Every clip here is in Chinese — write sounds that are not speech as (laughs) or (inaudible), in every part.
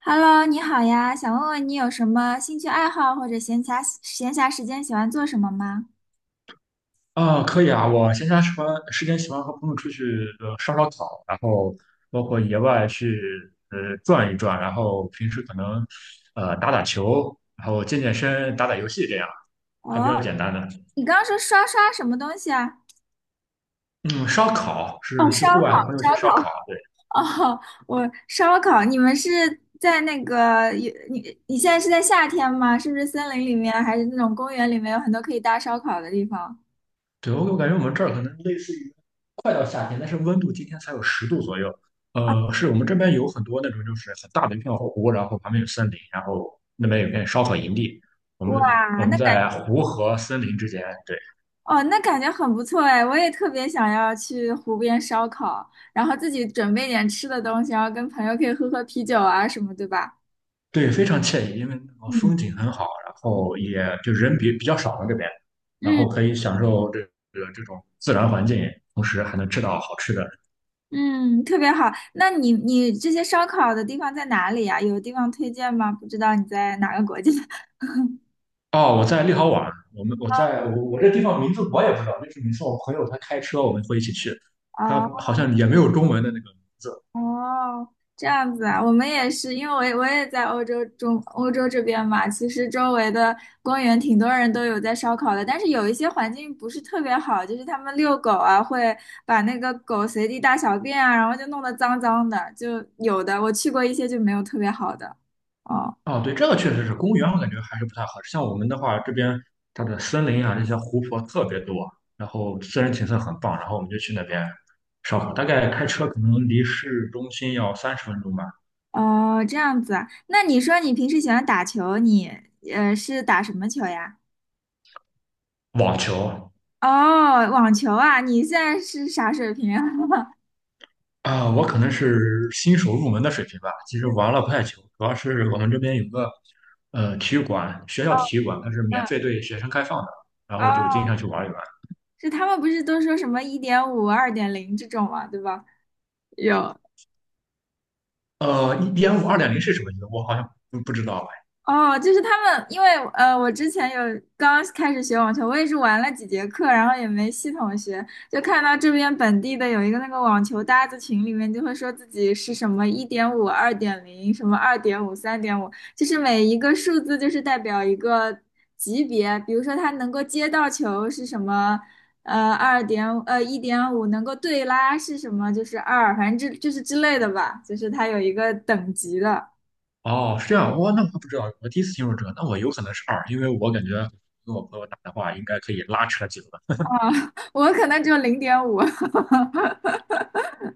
Hello，你好呀，想问问你有什么兴趣爱好或者闲暇时间喜欢做什么吗？啊，可以啊，我闲暇时间喜欢和朋友出去烧烤，然后包括野外去转一转，然后平时可能打打球，然后健健身、打打游戏这样，还比哦，较简单的。你刚刚说刷什么东西啊？嗯，烧烤哦，是去烧户烤，外和朋友去烧烧烤。烤，对。哦，我烧烤，你们是在那个你现在是在夏天吗？是不是森林里面还是那种公园里面有很多可以搭烧烤的地方？对，我感觉我们这儿可能类似于快到夏天，但是温度今天才有10度左右。是我们这边有很多那种就是很大的一片湖，然后旁边有森林，然后那边有片烧烤营地。我哇，们我那们感在湖和森林之间，对。哦，那感觉很不错哎，我也特别想要去湖边烧烤，然后自己准备点吃的东西，然后跟朋友可以喝喝啤酒啊什么，对吧？对，非常惬意，因为那个嗯风景很好，然后也就人比较少嘛这边，然嗯后可以享受这种自然环境，同时还能吃到好吃的。嗯，特别好。那你这些烧烤的地方在哪里呀？有地方推荐吗？不知道你在哪个国家？(laughs) 哦，我在立豪宛，我们我在我我这地方名字我也不知道，就是每次我朋友他开车，我们会一起去，哦他好像也没有中文的那个。哦，这样子啊，我们也是，因为我也在欧洲这边嘛，其实周围的公园挺多人都有在烧烤的，但是有一些环境不是特别好，就是他们遛狗啊，会把那个狗随地大小便啊，然后就弄得脏脏的，就有的我去过一些就没有特别好的。哦。哦，对，这个确实是公园，我感觉还是不太合适。像我们的话，这边它的森林啊，这些湖泊特别多，然后自然景色很棒，然后我们就去那边烧烤，大概开车可能离市中心要30分钟吧。哦，这样子啊。那你说你平时喜欢打球，你是打什么球呀？网球。哦，网球啊，你现在是啥水平啊？(laughs) 啊，我可能是新手入门的水平吧。其实玩了不太久，主要是我们这边有个体育馆，学校体育馆它是免嗯，费对学生开放的，然后就经哦，常去玩一玩。是他们不是都说什么一点五、二点零这种嘛，对吧？有。五二点零是什么意思？我好像不知道哦，就是他们，因为我之前有刚开始学网球，我也是玩了几节课，然后也没系统学，就看到这边本地的有一个那个网球搭子群里面就会说自己是什么一点五、二点零、什么二点五、三点五，就是每一个数字就是代表一个级别，比如说他能够接到球是什么，一点五，1.5能够对拉是什么，就是二，反正这就是之类的吧，就是它有一个等级的。哎。哦，是这样，我那我还不知道，我第一次听说这个，那我有可能是二，因为我感觉跟我朋友打的话，应该可以拉扯几轮。(laughs) 啊，我可能只有零点五，(laughs)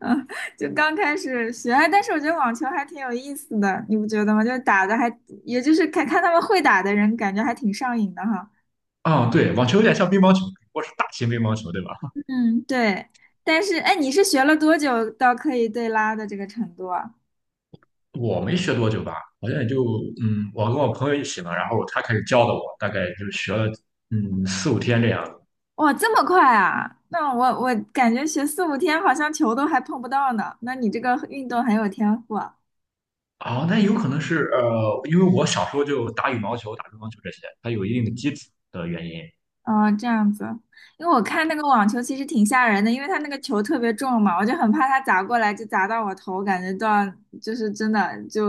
嗯，就刚开始学，哎但是我觉得网球还挺有意思的，你不觉得吗？就是打的还，也就是看看他们会打的人，感觉还挺上瘾的哈。啊，对，网球有点像乒乓球，不过是大型乒乓球，对吧？嗯，对。但是，哎，你是学了多久到可以对拉的这个程度啊？我没学多久吧，好像也就我跟我朋友一起嘛，然后他开始教的我，大概就学了四五天这样子。哇，这么快啊！那我感觉学四五天好像球都还碰不到呢。那你这个运动很有天赋啊哦，那有可能是因为我小时候就打羽毛球、打乒乓球这些，它有一定的基础的原因。哦，这样子，因为我看那个网球其实挺吓人的，因为它那个球特别重嘛，我就很怕它砸过来就砸到我头，感觉到就是真的就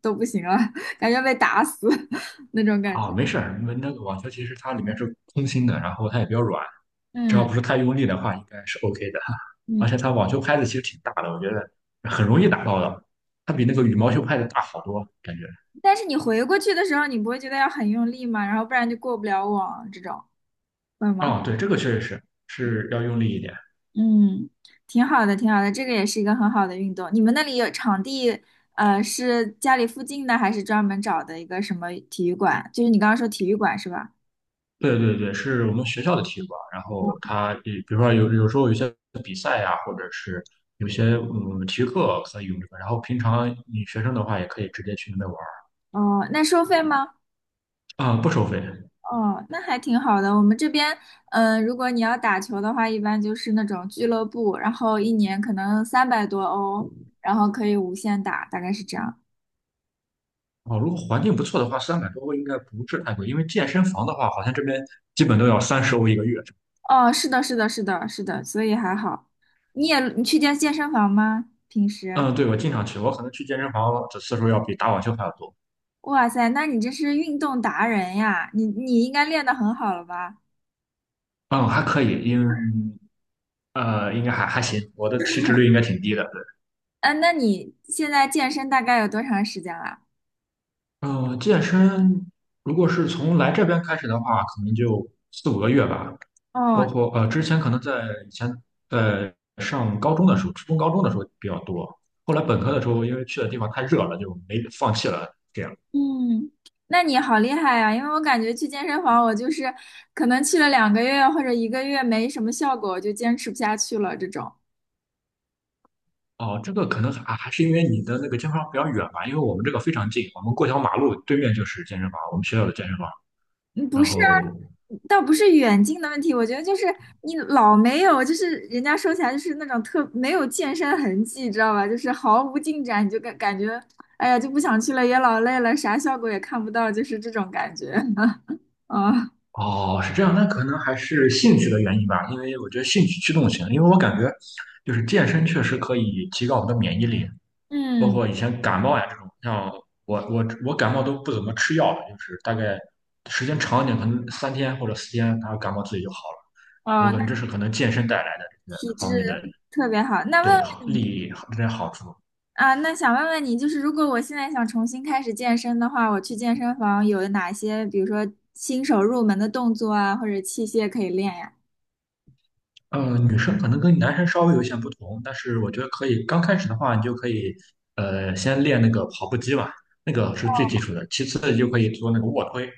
都不行了，(laughs) 感觉被打死 (laughs) 那种感啊、觉。没事儿，因为那个网球其实它里面是空心的，然后它也比较软，只要嗯不是太用力的话，应该是 OK 的。而嗯，且它网球拍子其实挺大的，我觉得很容易打到的，它比那个羽毛球拍子大好多，感觉。但是你回过去的时候，你不会觉得要很用力吗？然后不然就过不了网这种，会吗？啊、对，这个确实是是要用力一点。嗯，挺好的，挺好的，这个也是一个很好的运动。你们那里有场地，是家里附近的，还是专门找的一个什么体育馆？就是你刚刚说体育馆是吧？对对对，是我们学校的体育馆。然后它，比如说有时候有些比赛呀、或者是有些体育课可以用这个。然后平常你学生的话，也可以直接去那边玩哦，那收费吗？儿啊、不收费。哦，那还挺好的。我们这边，嗯，如果你要打球的话，一般就是那种俱乐部，然后一年可能三百多欧，然后可以无限打，大概是这样。哦，如果环境不错的话，300多欧应该不是太贵，因为健身房的话，好像这边基本都要30欧一个月。哦，是的，是的，是的，是的，所以还好。你也，你去健身房吗？平时？嗯，对，我经常去，我可能去健身房的次数要比打网球还要多。哇塞，那你这是运动达人呀！你应该练得很好了吧？嗯，还可以，应该还行，我的体脂率应该挺低的。嗯、那你现在健身大概有多长时间了？健身如果是从来这边开始的话，可能就四五个月吧。哦，包括之前可能在以前在上高中的时候，初中高中的时候比较多。后来本科的时候，因为去的地方太热了，就没放弃了。这样。嗯，那你好厉害呀！因为我感觉去健身房，我就是可能去了两个月或者一个月没什么效果，我就坚持不下去了。这种，哦，这个可能还是因为你的那个健身房比较远吧，因为我们这个非常近，我们过条马路对面就是健身房，我们学校的健身房。嗯不然是啊，后倒不是远近的问题，我觉得就是你老没有，就是人家说起来就是那种特没有健身痕迹，知道吧？就是毫无进展，你就感觉，哎呀，就不想去了，也老累了，啥效果也看不到，就是这种感觉。(laughs) 啊，哦，是这样，那可能还是兴趣的原因吧，因为我觉得兴趣驱动型，因为我感觉就是健身确实可以提高我们的免疫力，包嗯，括以前感冒呀这种，像我感冒都不怎么吃药的，就是大概时间长一点，可能3天或者4天，它感冒自己就好了。我哦，那感觉这是可能健身带来的这个体质方面的特别好。那问。对好利益这些好处。啊，那想问问你，就是如果我现在想重新开始健身的话，我去健身房有哪些，比如说新手入门的动作啊，或者器械可以练呀？女生可能跟男生稍微有一些不同，但是我觉得可以，刚开始的话，你就可以，先练那个跑步机吧，那个是最基础的。其次，你就可以做那个卧推。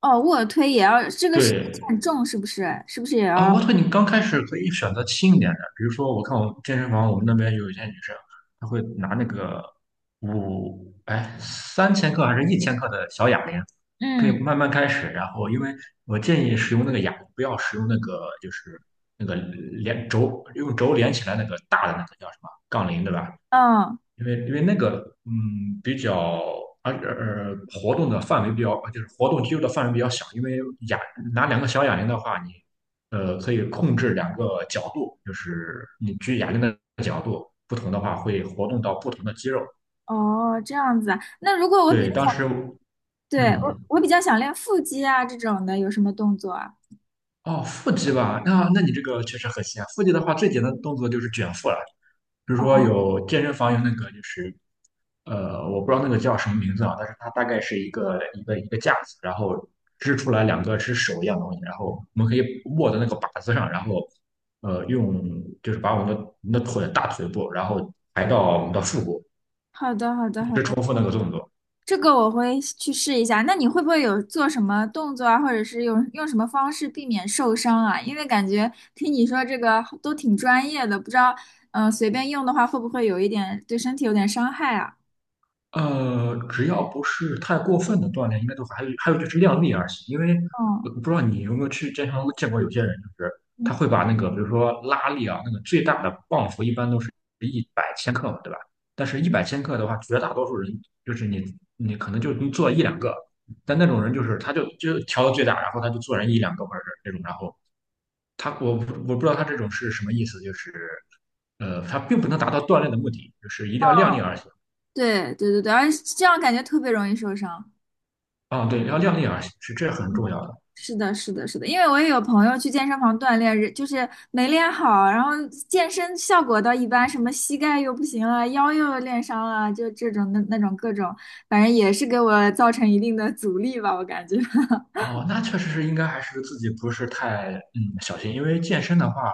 哦，卧推也要，这个是对，很重，是不是？是不是也啊，要？卧推你刚开始可以选择轻一点的，比如说，我看我们健身房，我们那边有一些女生，她会拿那个3千克还是1千克的小哑铃，可以嗯，慢慢开始，然后因为我建议使用那个哑铃，不要使用那个就是那个连轴用轴连起来那个大的那个叫什么杠铃，对吧？嗯，因为那个比较而呃活动的范围比较就是活动肌肉的范围比较小，因为哑拿两个小哑铃的话，你可以控制两个角度，就是你举哑铃的角度不同的话，会活动到不同的肌肉。哦，这样子啊。那如果我比较对，当想，时对，我嗯我比较想练腹肌啊这种的，有什么动作啊？哦，腹肌吧，那你这个确实很像。腹肌的话，最简单的动作就是卷腹了。比如说哦，有健身房有那个就是，我不知道那个叫什么名字啊，但是它大概是一个一个一个架子，然后支出来两个是手一样的东西，然后我们可以握在那个把子上，然后用就是把我们的大腿部，然后抬到我们的腹部，好的，好的，一好直重复那个动作。这个我会去试一下。那你会不会有做什么动作啊，或者是用什么方式避免受伤啊？因为感觉听你说这个都挺专业的，不知道，嗯、随便用的话会不会有一点对身体有点伤害啊？只要不是太过分的锻炼，应该都还有就是量力而行。因为我嗯，不知道你有没有去健身房见过有些人，就是他会把那个比如说拉力啊，那个最大的磅幅一般都是一百千克嘛，对吧？但是一嗯，百千克的话，绝大多数人就是你可能就能做一两个，但那种人就是他就调到最大，然后他就做人一两个或者是这种，然后他我不知道他这种是什么意思，就是他并不能达到锻炼的目的，就是一定要量力而行。对对对对，而且这样感觉特别容易受伤。啊，对，要量力而行，是这很重要的。是的，是的，是的，因为我也有朋友去健身房锻炼，就是没练好，然后健身效果倒一般，什么膝盖又不行了，腰又练伤了，就这种那种各种，反正也是给我造成一定的阻力吧，我感觉。(laughs) 哦，那确实是应该还是自己不是太小心，因为健身的话，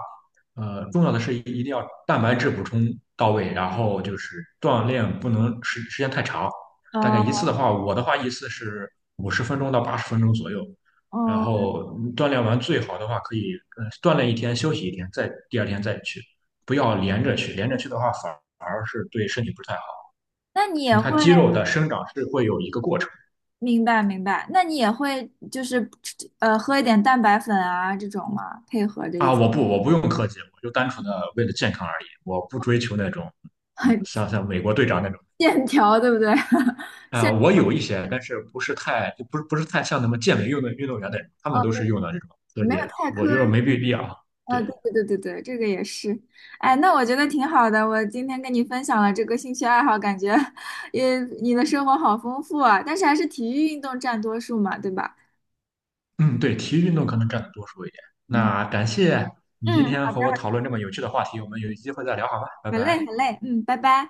重要的是一定要蛋白质补充到位，然后就是锻炼不能时间太长，大概一哦次的话，我的话一次是50分钟到80分钟左右，然哦，后锻炼完最好的话可以，锻炼一天休息一天，再第二天再去，不要连着去，连着去的话反而是对身体不太好，那你也因为会它肌肉的生长是会有一个过程。明白明白，那你也会就是喝一点蛋白粉啊这种吗？配合着一啊，起 我不用科技，我就单纯的为了健康而已，我不追求那种，(laughs) 嗯，很像美国队长那种。线条，对不对？(laughs) 啊、我有一些，但是不是太，就不是太像那么健美运动员那种，他们哦，都是用的这种科没技，有太我觉得苛没必要。啊，对对，对对对对，这个也是，哎，那我觉得挺好的。我今天跟你分享了这个兴趣爱好，感觉也你的生活好丰富啊。但是还是体育运动占多数嘛，对吧？嗯，对，体育运动可能占的多数一点。嗯那感谢你嗯，今天好和的，我讨论这么有趣的话题，我们有机会再聊好吧，拜好累，拜。好累，嗯，拜拜。